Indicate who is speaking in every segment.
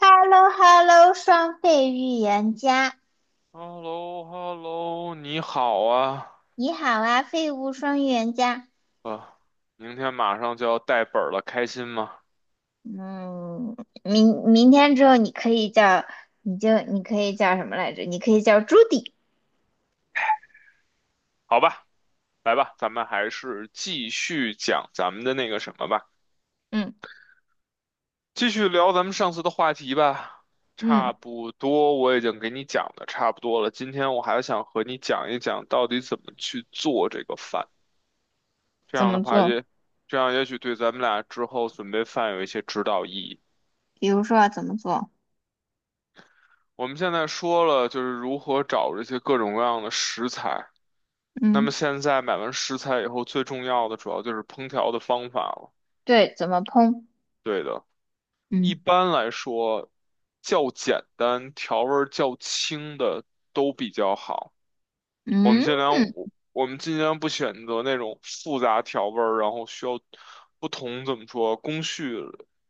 Speaker 1: h e l l o h e l l o 双废预言家，
Speaker 2: h e l l o h e l l o 你好啊，
Speaker 1: 你好啊，废物双预言家。
Speaker 2: 啊，明天马上就要带本儿了，开心吗？
Speaker 1: 嗯。明天之后你可以叫，你可以叫什么来着？你可以叫朱迪。
Speaker 2: 好吧，来吧，咱们还是继续讲咱们的那个什么吧，
Speaker 1: 嗯
Speaker 2: 继续聊咱们上次的话题吧。
Speaker 1: 嗯。
Speaker 2: 差不多，我已经给你讲的差不多了。今天我还想和你讲一讲到底怎么去做这个饭，这
Speaker 1: 怎
Speaker 2: 样的
Speaker 1: 么
Speaker 2: 话
Speaker 1: 做？
Speaker 2: 也，这样也许对咱们俩之后准备饭有一些指导意义。
Speaker 1: 比如说啊怎么做？
Speaker 2: 我们现在说了，就是如何找这些各种各样的食材。那么
Speaker 1: 嗯。
Speaker 2: 现在买完食材以后，最重要的主要就是烹调的方法了。
Speaker 1: 对，怎么烹？
Speaker 2: 对的，一
Speaker 1: 嗯。
Speaker 2: 般来说，较简单、调味儿较轻的都比较好。我们尽
Speaker 1: 嗯。
Speaker 2: 量，我我们尽量不选择那种复杂调味儿，然后需要不同怎么说工序、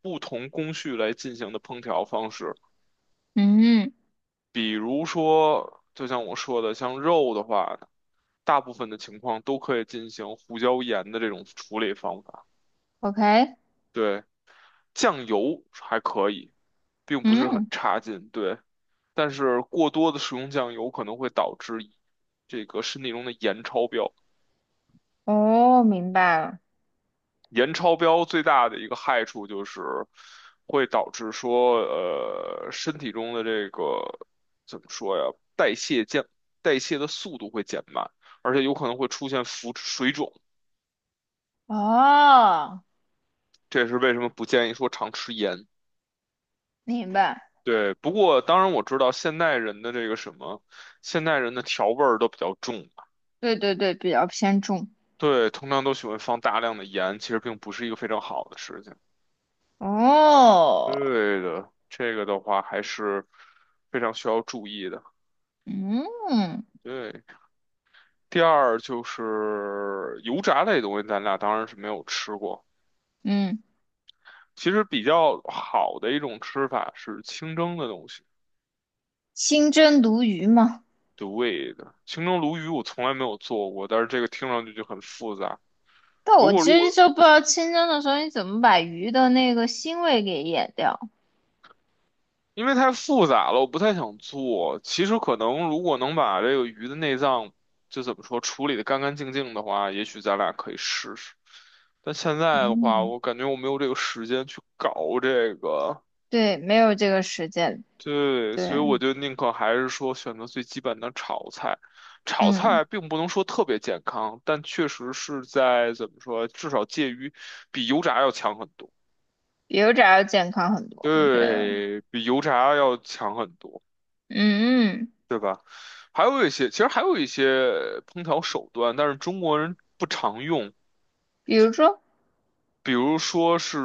Speaker 2: 不同工序来进行的烹调方式。
Speaker 1: 嗯
Speaker 2: 比如说，就像我说的，像肉的话，大部分的情况都可以进行胡椒盐的这种处理方法。
Speaker 1: ，OK。
Speaker 2: 对。酱油还可以，并不是很
Speaker 1: 嗯。
Speaker 2: 差劲，对。但是过多的食用酱油可能会导致这个身体中的盐超标。
Speaker 1: 哦，明白了。
Speaker 2: 盐超标最大的一个害处就是会导致说，身体中的这个怎么说呀，代谢降，代谢的速度会减慢，而且有可能会出现浮水肿。
Speaker 1: 哦，
Speaker 2: 这也是为什么不建议说常吃盐。
Speaker 1: 明白。
Speaker 2: 对，不过当然我知道现代人的这个什么，现代人的调味儿都比较重，
Speaker 1: 对对对，比较偏重。
Speaker 2: 对，通常都喜欢放大量的盐，其实并不是一个非常好的事情。
Speaker 1: 哦。
Speaker 2: 对的，这个的话还是非常需要注意的。
Speaker 1: 嗯
Speaker 2: 对，第二就是油炸类东西，咱俩当然是没有吃过。
Speaker 1: 嗯。
Speaker 2: 其实比较好的一种吃法是清蒸的东西。
Speaker 1: 清蒸鲈鱼嘛。
Speaker 2: 对的，清蒸鲈鱼我从来没有做过，但是这个听上去就很复杂。
Speaker 1: 但
Speaker 2: 不
Speaker 1: 我
Speaker 2: 过
Speaker 1: 其
Speaker 2: 如
Speaker 1: 实
Speaker 2: 果
Speaker 1: 就不知道清蒸的时候你怎么把鱼的那个腥味给掩掉。
Speaker 2: 因为太复杂了，我不太想做。其实可能如果能把这个鱼的内脏，就怎么说，处理的干干净净的话，也许咱俩可以试试。但现在的话，
Speaker 1: 嗯。
Speaker 2: 我感觉我没有这个时间去搞这个，
Speaker 1: 对，没有这个实践。
Speaker 2: 对，
Speaker 1: 对。
Speaker 2: 所以我就宁可还是说选择最基本的炒菜。炒
Speaker 1: 嗯。
Speaker 2: 菜并不能说特别健康，但确实是在怎么说，至少介于比油炸要强很多，
Speaker 1: 比油炸要健康很多，我觉得。
Speaker 2: 对，比油炸要强很多。
Speaker 1: 嗯。嗯。
Speaker 2: 对吧？还有一些，其实还有一些烹调手段，但是中国人不常用，
Speaker 1: 比如说，
Speaker 2: 比如说是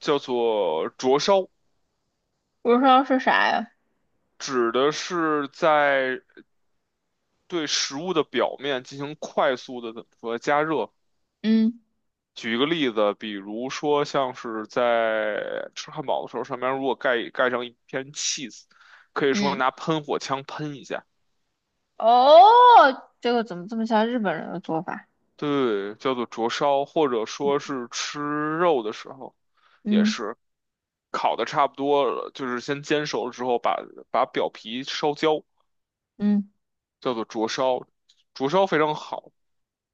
Speaker 2: 叫做灼烧，
Speaker 1: 比如说是啥呀？
Speaker 2: 指的是在对食物的表面进行快速的怎么说加热。
Speaker 1: 嗯。
Speaker 2: 举一个例子，比如说像是在吃汉堡的时候，上面如果盖上一片 cheese，可以说
Speaker 1: 嗯。
Speaker 2: 拿喷火枪喷一下。
Speaker 1: 哦，这个怎么这么像日本人的做法？
Speaker 2: 对，叫做灼烧，或者说
Speaker 1: 嗯，
Speaker 2: 是吃肉的时候，也
Speaker 1: 嗯。
Speaker 2: 是烤的差不多了，就是先煎熟了之后把，把表皮烧焦，
Speaker 1: 嗯。
Speaker 2: 叫做灼烧。灼烧非常好。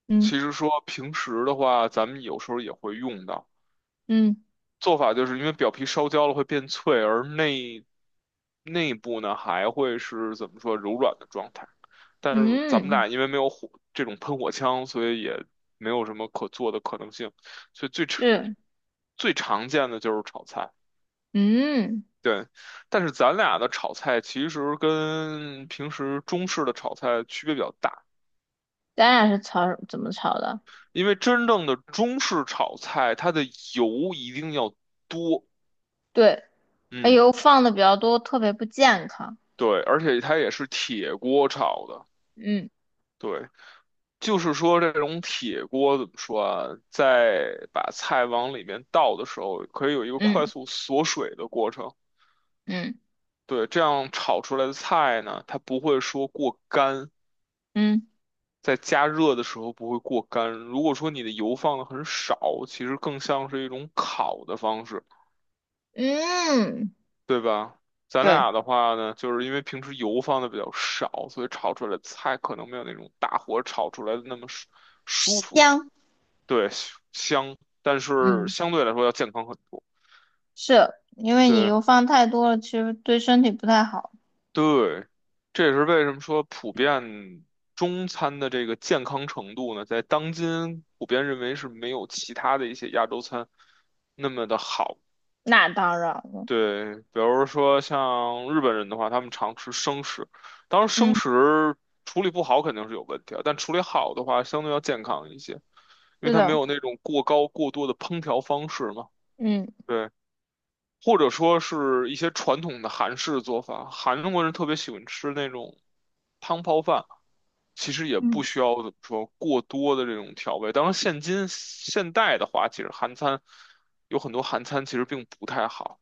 Speaker 1: 嗯。
Speaker 2: 其实说平时的话，咱们有时候也会用到。
Speaker 1: 嗯。
Speaker 2: 做法就是因为表皮烧焦了会变脆，而内部呢还会是怎么说柔软的状态。但是咱们
Speaker 1: 嗯。嗯。
Speaker 2: 俩因为没有火这种喷火枪，所以也没有什么可做的可能性。所以最常
Speaker 1: 是。
Speaker 2: 最常见的就是炒菜，
Speaker 1: 嗯。
Speaker 2: 对。但是咱俩的炒菜其实跟平时中式的炒菜区别比较大，
Speaker 1: 咱俩是炒怎么炒的？
Speaker 2: 因为真正的中式炒菜，它的油一定要多，
Speaker 1: 对。哎
Speaker 2: 嗯，
Speaker 1: 呦，放的比较多，特别不健康。
Speaker 2: 对，而且它也是铁锅炒的。
Speaker 1: 嗯。
Speaker 2: 对，就是说这种铁锅怎么说啊，在把菜往里面倒的时候，可以有一个快
Speaker 1: 嗯。
Speaker 2: 速锁水的过程。
Speaker 1: 嗯。
Speaker 2: 对，这样炒出来的菜呢，它不会说过干，
Speaker 1: 嗯。
Speaker 2: 在加热的时候不会过干。如果说你的油放的很少，其实更像是一种烤的方式，
Speaker 1: 嗯。
Speaker 2: 对吧？咱
Speaker 1: 对，
Speaker 2: 俩的话呢，就是因为平时油放的比较少，所以炒出来的菜可能没有那种大火炒出来的那么舒服。
Speaker 1: 香。
Speaker 2: 对，香，但是
Speaker 1: 嗯。
Speaker 2: 相对来说要健康很多。
Speaker 1: 是因为你
Speaker 2: 对
Speaker 1: 油放太多了，其实对身体不太好。
Speaker 2: 对，这也是为什么说普遍中餐的这个健康程度呢，在当今普遍认为是没有其他的一些亚洲餐那么的好。
Speaker 1: 那当然了。
Speaker 2: 对，比如说像日本人的话，他们常吃生食，当然生
Speaker 1: 嗯。
Speaker 2: 食处理不好肯定是有问题啊，但处理好的话，相对要健康一些，因为
Speaker 1: 是
Speaker 2: 它没
Speaker 1: 的。
Speaker 2: 有那种过高过多的烹调方式嘛。
Speaker 1: 嗯。
Speaker 2: 对。或者说是一些传统的韩式做法，韩国人特别喜欢吃那种汤泡饭，其实也不
Speaker 1: 嗯。
Speaker 2: 需要怎么说过多的这种调味。当然，现今现代的话，其实韩餐有很多韩餐其实并不太好，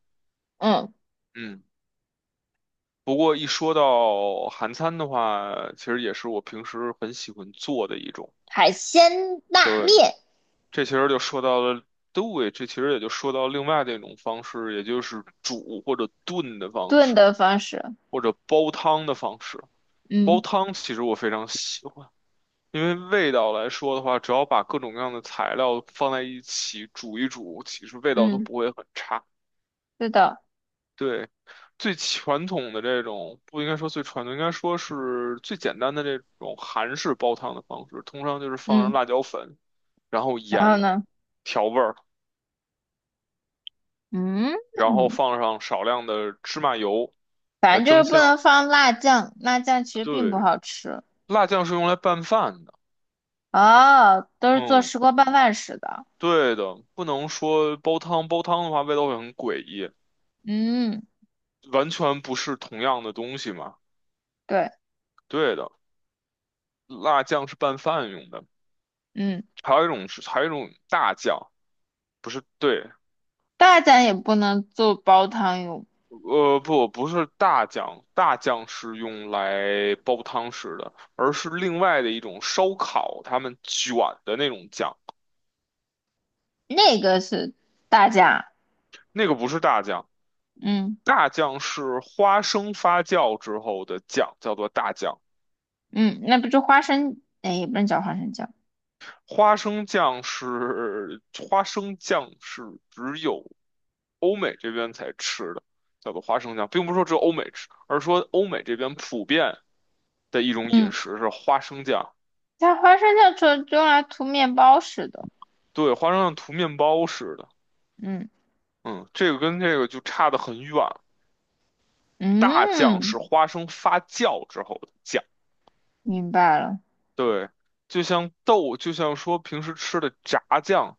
Speaker 1: 嗯。
Speaker 2: 嗯。不过一说到韩餐的话，其实也是我平时很喜欢做的一种。
Speaker 1: 海鲜拉
Speaker 2: 对，
Speaker 1: 面。
Speaker 2: 这其实就说到了，对，这其实也就说到另外的一种方式，也就是煮或者炖的方
Speaker 1: 炖
Speaker 2: 式。
Speaker 1: 的方式。
Speaker 2: 或者煲汤的方式。煲
Speaker 1: 嗯。
Speaker 2: 汤其实我非常喜欢，因为味道来说的话，只要把各种各样的材料放在一起煮一煮，其实味道都
Speaker 1: 嗯。
Speaker 2: 不会很差。
Speaker 1: 是的。
Speaker 2: 对，最传统的这种，不应该说最传统，应该说是最简单的这种韩式煲汤的方式，通常就是放上
Speaker 1: 嗯。
Speaker 2: 辣椒粉，然后
Speaker 1: 然后
Speaker 2: 盐
Speaker 1: 呢？
Speaker 2: 调味儿，
Speaker 1: 嗯。
Speaker 2: 然后放上少量的芝麻油来
Speaker 1: 反正就是
Speaker 2: 增
Speaker 1: 不
Speaker 2: 香。
Speaker 1: 能放辣酱，辣酱其实并不
Speaker 2: 对，
Speaker 1: 好吃。
Speaker 2: 辣酱是用来拌饭的。
Speaker 1: 哦，都是做
Speaker 2: 嗯。
Speaker 1: 石锅拌饭使的。
Speaker 2: 对的，不能说煲汤，煲汤的话味道会很诡异，
Speaker 1: 嗯。
Speaker 2: 完全不是同样的东西嘛。
Speaker 1: 对。
Speaker 2: 对的，辣酱是拌饭用的，
Speaker 1: 嗯。
Speaker 2: 还有一种是还有一种大酱，不是，对，
Speaker 1: 大家也不能做煲汤用。
Speaker 2: 不是大酱，大酱是用来煲汤吃的，而是另外的一种烧烤，他们卷的那种酱，
Speaker 1: 那个是大家。
Speaker 2: 那个不是大酱，
Speaker 1: 嗯。
Speaker 2: 大酱是花生发酵之后的酱，叫做大酱。
Speaker 1: 嗯。那不就花生，哎，也不能叫花生酱。
Speaker 2: 花生酱是花生酱是只有欧美这边才吃的，叫做花生酱，并不是说只有欧美吃，而是说欧美这边普遍的一种
Speaker 1: 嗯。
Speaker 2: 饮食是花生酱。
Speaker 1: 它花生酱就用来涂面包似的。
Speaker 2: 对，花生酱涂面包似的，
Speaker 1: 嗯。
Speaker 2: 嗯，这个跟这个就差得很远。大酱
Speaker 1: 嗯。
Speaker 2: 是花生发酵之后的酱，
Speaker 1: 明白了。
Speaker 2: 对，就像豆，就像说平时吃的炸酱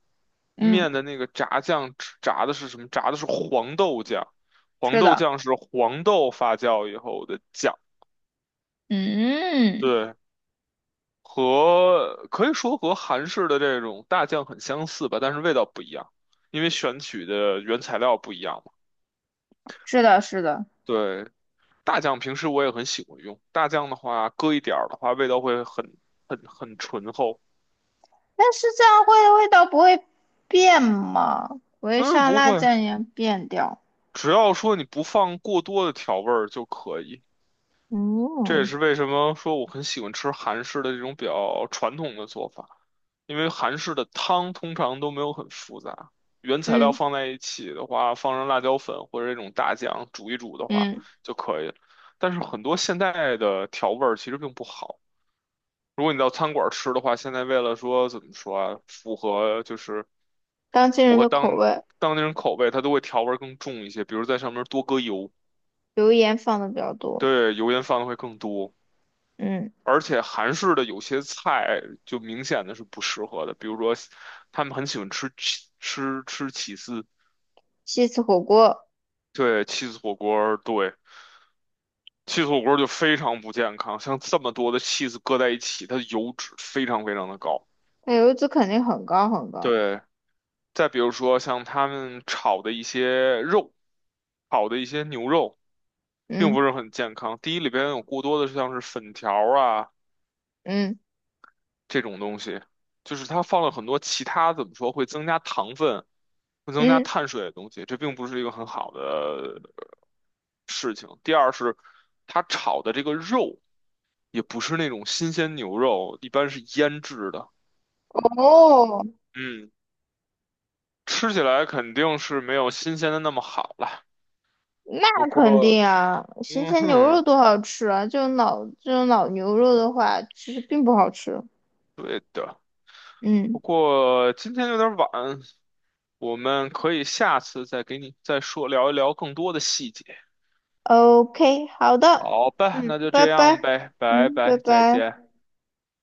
Speaker 1: 嗯。
Speaker 2: 面的那个炸酱，吃炸的是什么？炸的是黄豆酱，黄
Speaker 1: 是
Speaker 2: 豆
Speaker 1: 的。
Speaker 2: 酱是黄豆发酵以后的酱。
Speaker 1: 嗯。
Speaker 2: 对，和可以说和韩式的这种大酱很相似吧，但是味道不一样，因为选取的原材料不一样嘛。
Speaker 1: 是的。是的。
Speaker 2: 对，大酱平时我也很喜欢用，大酱的话搁一点儿的话，味道会很很醇厚。
Speaker 1: 但是这样会味道不会变吗？不会
Speaker 2: 嗯，
Speaker 1: 像
Speaker 2: 不
Speaker 1: 辣
Speaker 2: 会，
Speaker 1: 酱一样变掉？
Speaker 2: 只要说你不放过多的调味儿就可以。这也
Speaker 1: 嗯。
Speaker 2: 是为什么说我很喜欢吃韩式的这种比较传统的做法，因为韩式的汤通常都没有很复杂，原材料
Speaker 1: 嗯。
Speaker 2: 放在一起的话，放上辣椒粉或者这种大酱煮一煮的话
Speaker 1: 嗯。
Speaker 2: 就可以了。但是很多现代的调味儿其实并不好。如果你到餐馆吃的话，现在为了说怎么说啊，符合就是
Speaker 1: 当今
Speaker 2: 符
Speaker 1: 人
Speaker 2: 合
Speaker 1: 的
Speaker 2: 当
Speaker 1: 口味。
Speaker 2: 当地人口味，它都会调味儿更重一些，比如在上面多搁油。
Speaker 1: 油盐放的比较多。
Speaker 2: 对，油烟放的会更多，
Speaker 1: 嗯。
Speaker 2: 而且韩式的有些菜就明显的是不适合的，比如说他们很喜欢吃起司，
Speaker 1: 西式火锅。
Speaker 2: 对起司火锅儿就非常不健康，像这么多的起司搁在一起，它的油脂非常非常的高。
Speaker 1: 它油脂肯定很高很高。
Speaker 2: 对，再比如说像他们炒的一些肉，炒的一些牛肉，并不
Speaker 1: 嗯。
Speaker 2: 是很健康。第一里边有过多的像是粉条儿啊，
Speaker 1: 嗯。
Speaker 2: 这种东西，就是它放了很多其他怎么说会增加糖分、会增加
Speaker 1: 嗯。
Speaker 2: 碳水的东西，这并不是一个很好的事情。第二是，它炒的这个肉也不是那种新鲜牛肉，一般是腌制的，
Speaker 1: 哦，
Speaker 2: 嗯，吃起来肯定是没有新鲜的那么好了。
Speaker 1: 那
Speaker 2: 不
Speaker 1: 肯定
Speaker 2: 过，
Speaker 1: 啊，新
Speaker 2: 嗯
Speaker 1: 鲜牛
Speaker 2: 哼，
Speaker 1: 肉多好吃啊！这种老牛肉的话，其实并不好吃。
Speaker 2: 对的。不
Speaker 1: 嗯
Speaker 2: 过今天有点晚，我们可以下次再给你再说聊一聊更多的细节。
Speaker 1: ，OK，好的。
Speaker 2: 好吧，
Speaker 1: 嗯，
Speaker 2: 那就
Speaker 1: 拜
Speaker 2: 这样
Speaker 1: 拜。
Speaker 2: 呗，拜
Speaker 1: 嗯，拜
Speaker 2: 拜，再
Speaker 1: 拜。
Speaker 2: 见。